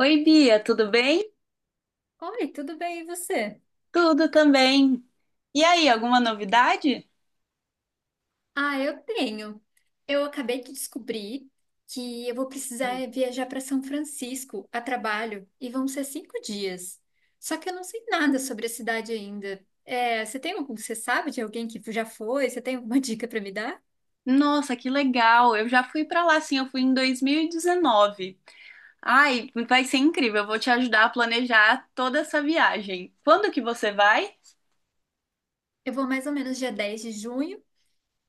Oi, Bia, tudo bem? Oi, tudo bem, e você? Tudo também. E aí, alguma novidade? Ah, eu tenho. Eu acabei de descobrir que eu vou precisar viajar para São Francisco a trabalho e vão ser 5 dias. Só que eu não sei nada sobre a cidade ainda. É, você sabe de alguém que já foi? Você tem alguma dica para me dar? Nossa, que legal! Eu já fui pra lá, sim, eu fui em 2019. Ai, vai ser incrível, eu vou te ajudar a planejar toda essa viagem. Quando que você vai? Eu vou mais ou menos dia 10 de junho.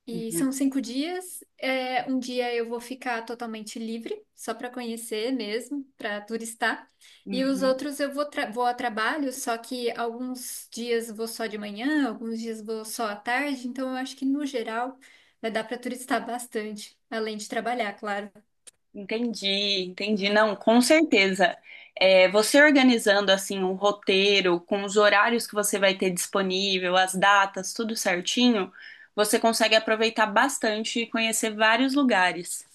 E são Uhum, 5 dias. É, um dia eu vou ficar totalmente livre, só para conhecer mesmo, para turistar. E os uhum. outros eu vou, vou a trabalho, só que alguns dias vou só de manhã, alguns dias vou só à tarde. Então eu acho que no geral vai dar para turistar bastante, além de trabalhar, claro. Entendi, entendi. Não, com certeza. É, você organizando assim um roteiro com os horários que você vai ter disponível, as datas, tudo certinho, você consegue aproveitar bastante e conhecer vários lugares.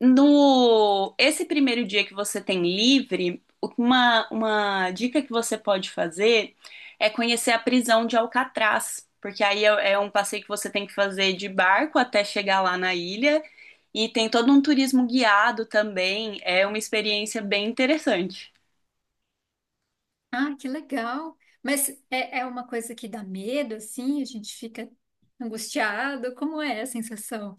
No esse primeiro dia que você tem livre, uma dica que você pode fazer é conhecer a prisão de Alcatraz, porque aí é um passeio que você tem que fazer de barco até chegar lá na ilha e tem todo um turismo guiado também, é uma experiência bem interessante. Ah, que legal! Mas é uma coisa que dá medo, assim, a gente fica angustiado. Como é a sensação?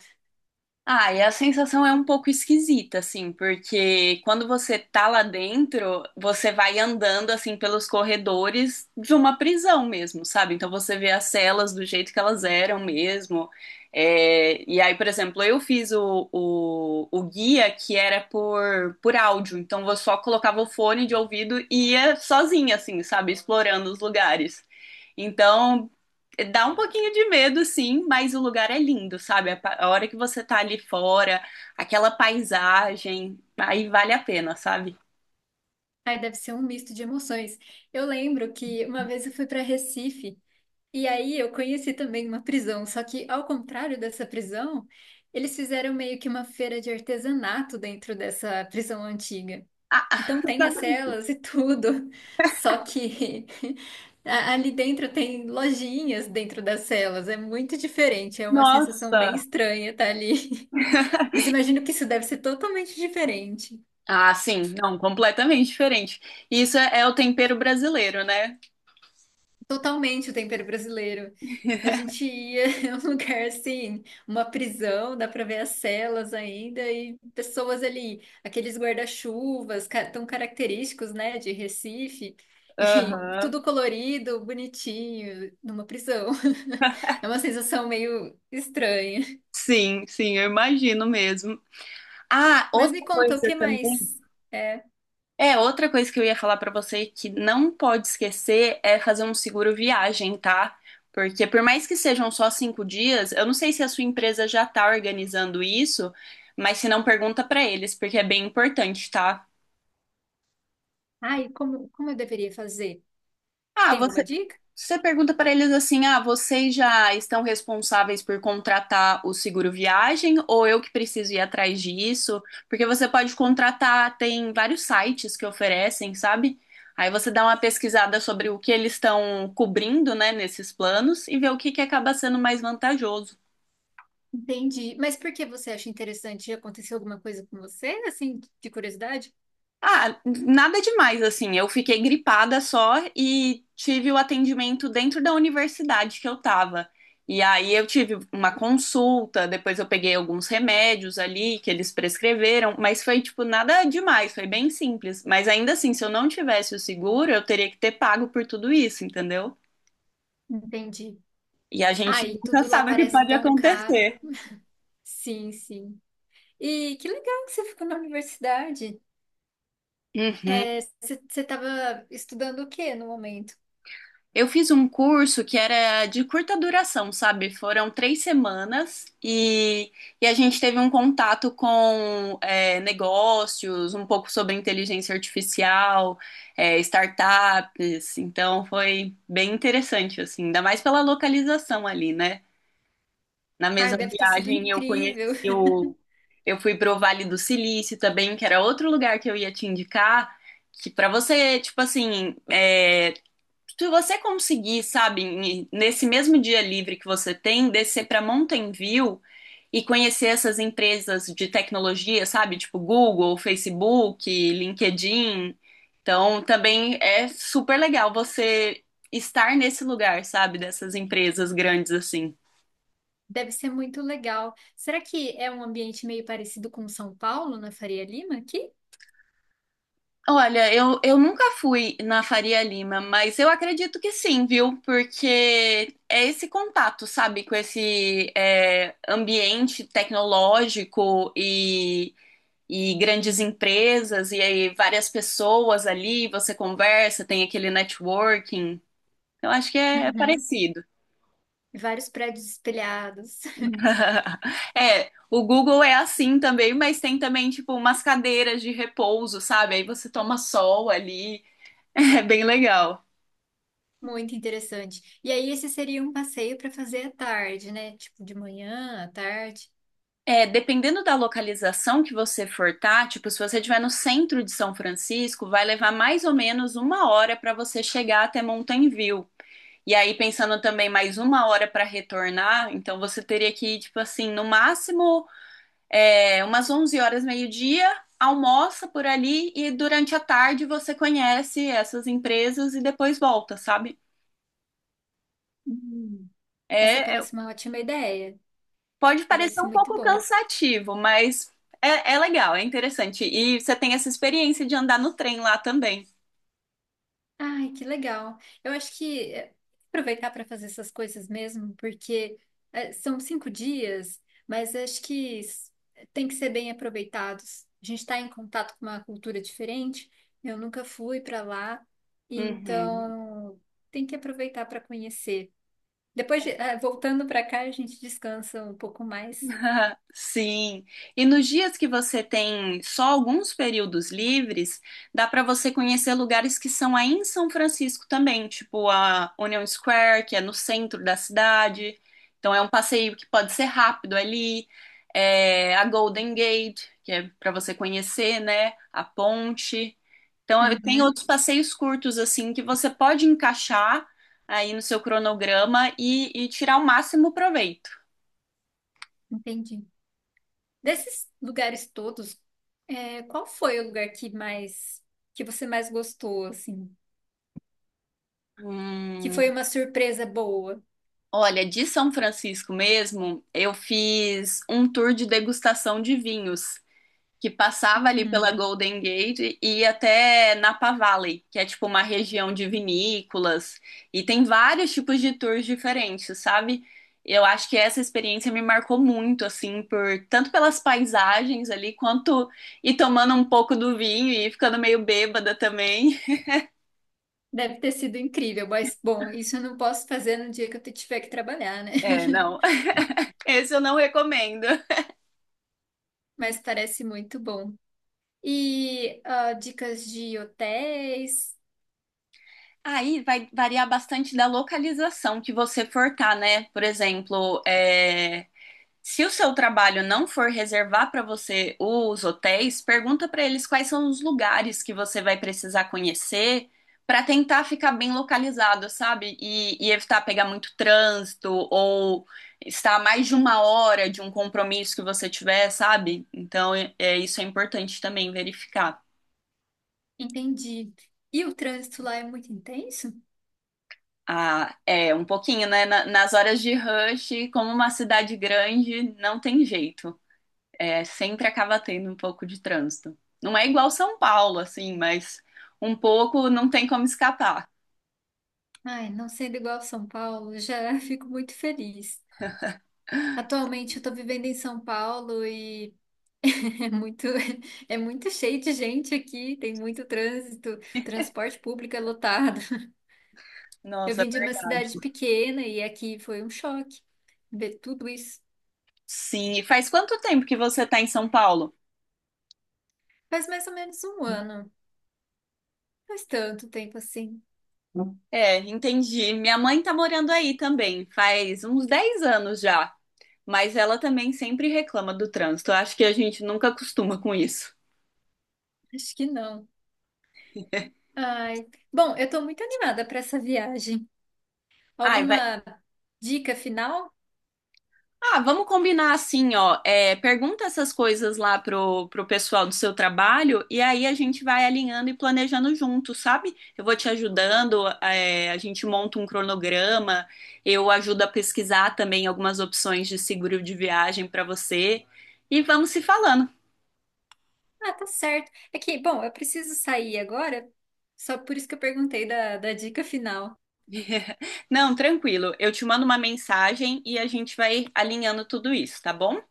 Ah, e a sensação é um pouco esquisita, assim, porque quando você tá lá dentro, você vai andando, assim, pelos corredores de uma prisão mesmo, sabe? Então você vê as celas do jeito que elas eram mesmo. É, e aí, por exemplo, eu fiz o guia que era por áudio, então eu só colocava o fone de ouvido e ia sozinha, assim, sabe? Explorando os lugares. Então, dá um pouquinho de medo, sim, mas o lugar é lindo, sabe? A hora que você tá ali fora, aquela paisagem, aí vale a pena, sabe? Aí deve ser um misto de emoções. Eu lembro que uma vez eu fui para Recife e aí eu conheci também uma prisão, só que ao contrário dessa prisão, eles fizeram meio que uma feira de artesanato dentro dessa prisão antiga. Ah, Então tem as celas e tudo, só que ali dentro tem lojinhas dentro das celas, é muito diferente, é uma sensação bem nossa! estranha estar ali. Mas imagino que isso deve ser totalmente diferente. Ah, sim, não, completamente diferente. Isso é o tempero brasileiro, né? Totalmente o tempero brasileiro. A gente ia em um lugar assim, uma prisão, dá para ver as celas ainda e pessoas ali, aqueles guarda-chuvas tão característicos, né, de Recife, e Aham. tudo colorido, bonitinho, numa prisão. É uma sensação meio estranha. Sim, sim, eu imagino mesmo. Ah, Mas outra me conta, o coisa que também. mais é? É, outra coisa que eu ia falar pra você que não pode esquecer é fazer um seguro viagem, tá? Porque por mais que sejam só 5 dias, eu não sei se a sua empresa já tá organizando isso, mas se não, pergunta pra eles, porque é bem importante, tá? Ai, como eu deveria fazer? Ah, Tem alguma você dica? Se você pergunta para eles assim: ah, vocês já estão responsáveis por contratar o seguro viagem ou eu que preciso ir atrás disso? Porque você pode contratar, tem vários sites que oferecem, sabe? Aí você dá uma pesquisada sobre o que eles estão cobrindo, né, nesses planos e vê o que que acaba sendo mais vantajoso. Entendi. Mas por que você acha interessante? Aconteceu alguma coisa com você, assim, de curiosidade? Ah, nada demais, assim. Eu fiquei gripada só e tive o atendimento dentro da universidade que eu tava. E aí eu tive uma consulta, depois eu peguei alguns remédios ali que eles prescreveram, mas foi tipo nada demais, foi bem simples. Mas ainda assim, se eu não tivesse o seguro, eu teria que ter pago por tudo isso, entendeu? Entendi. E a gente Ai, nunca tudo lá sabe o que parece pode tão caro. acontecer. Sim, sim. E que legal que você ficou na universidade. Uhum. Você estava estudando o que no momento? Eu fiz um curso que era de curta duração, sabe? Foram 3 semanas e a gente teve um contato com é, negócios, um pouco sobre inteligência artificial, é, startups. Então foi bem interessante, assim, ainda mais pela localização ali, né? Na Ai, mesma deve ter sido viagem eu conheci incrível. o. Eu fui pro Vale do Silício também, que era outro lugar que eu ia te indicar, que para você, tipo assim, é, se você conseguir, sabe, nesse mesmo dia livre que você tem, descer para Mountain View e conhecer essas empresas de tecnologia, sabe, tipo Google, Facebook, LinkedIn. Então, também é super legal você estar nesse lugar, sabe, dessas empresas grandes assim. Deve ser muito legal. Será que é um ambiente meio parecido com São Paulo, na Faria Lima, aqui? Olha, eu nunca fui na Faria Lima, mas eu acredito que sim, viu? Porque é esse contato, sabe, com esse é, ambiente tecnológico e grandes empresas, e aí várias pessoas ali, você conversa, tem aquele networking. Eu acho que é Uhum. parecido. Vários prédios espelhados. É, o Google é assim também, mas tem também, tipo, umas cadeiras de repouso, sabe? Aí você toma sol ali, é bem legal. Muito interessante. E aí, esse seria um passeio para fazer à tarde, né? Tipo, de manhã, à tarde. É, dependendo da localização que você for tá, tipo, se você estiver no centro de São Francisco, vai levar mais ou menos uma hora para você chegar até Mountain View. E aí, pensando também mais uma hora para retornar, então você teria que ir, tipo assim, no máximo é, umas 11 horas, meio-dia, almoça por ali e durante a tarde você conhece essas empresas e depois volta, sabe? Hum, Essa É, é parece uma ótima ideia. Pode parecer Parece um muito pouco bom. cansativo, mas é, é legal, é interessante. E você tem essa experiência de andar no trem lá também. Ai, que legal. Eu acho que é, aproveitar para fazer essas coisas mesmo, porque é, são 5 dias, mas acho que tem que ser bem aproveitados. A gente está em contato com uma cultura diferente. Eu nunca fui para lá, Uhum. então tem que aproveitar para conhecer. Depois, voltando para cá, a gente descansa um pouco mais. Sim. E nos dias que você tem só alguns períodos livres, dá para você conhecer lugares que são aí em São Francisco também, tipo a Union Square, que é no centro da cidade. Então é um passeio que pode ser rápido ali. É, a Golden Gate, que é para você conhecer, né? A ponte. Então, eu tenho Uhum, outros passeios curtos, assim, que você pode encaixar aí no seu cronograma e tirar o máximo proveito. entendi. Desses lugares todos, é, qual foi o lugar que mais, que você mais gostou, assim? Que Hum, foi uma surpresa boa? olha, de São Francisco mesmo, eu fiz um tour de degustação de vinhos que passava ali pela Uhum. Golden Gate e ia até Napa Valley, que é tipo uma região de vinícolas e tem vários tipos de tours diferentes, sabe? Eu acho que essa experiência me marcou muito, assim, por tanto pelas paisagens ali, quanto e tomando um pouco do vinho e ficando meio bêbada também. Deve ter sido incrível, mas, bom, isso eu não posso fazer no dia que eu tiver que trabalhar, né? É, não. Esse eu não recomendo. Mas parece muito bom. E ah, dicas de hotéis, Aí vai variar bastante da localização que você for tá, né? Por exemplo, é, se o seu trabalho não for reservar para você os hotéis, pergunta para eles quais são os lugares que você vai precisar conhecer para tentar ficar bem localizado, sabe? E evitar pegar muito trânsito ou estar a mais de uma hora de um compromisso que você tiver, sabe? Então, isso é importante também verificar. entendi. E o trânsito lá é muito intenso? Ah, é um pouquinho, né? Nas horas de rush, como uma cidade grande, não tem jeito. É, sempre acaba tendo um pouco de trânsito. Não é igual São Paulo, assim, mas um pouco não tem como escapar. Ai, não sendo igual a São Paulo, já fico muito feliz. Atualmente eu tô vivendo em São Paulo e é muito, é muito cheio de gente aqui, tem muito trânsito, transporte público é lotado. Eu Nossa, é vim de uma verdade. cidade pequena e aqui foi um choque ver tudo isso. Sim, e faz quanto tempo que você tá em São Paulo? Faz mais ou menos um ano, faz tanto tempo assim, É, entendi. Minha mãe tá morando aí também, faz uns 10 anos já. Mas ela também sempre reclama do trânsito. Eu acho que a gente nunca acostuma com isso. acho que não. Ai, bom, eu tô muito animada para essa viagem. Ai, vai Alguma dica final? Ah, vamos combinar assim, ó. É, pergunta essas coisas lá pro pessoal do seu trabalho e aí a gente vai alinhando e planejando junto, sabe? Eu vou te ajudando, é, a gente monta um cronograma, eu ajudo a pesquisar também algumas opções de seguro de viagem para você e vamos se falando. Ah, tá certo. É que, bom, eu preciso sair agora, só por isso que eu perguntei da dica final. Não, tranquilo. Eu te mando uma mensagem e a gente vai alinhando tudo isso, tá bom?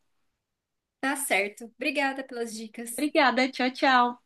Tá certo. Obrigada pelas dicas. Obrigada, tchau, tchau.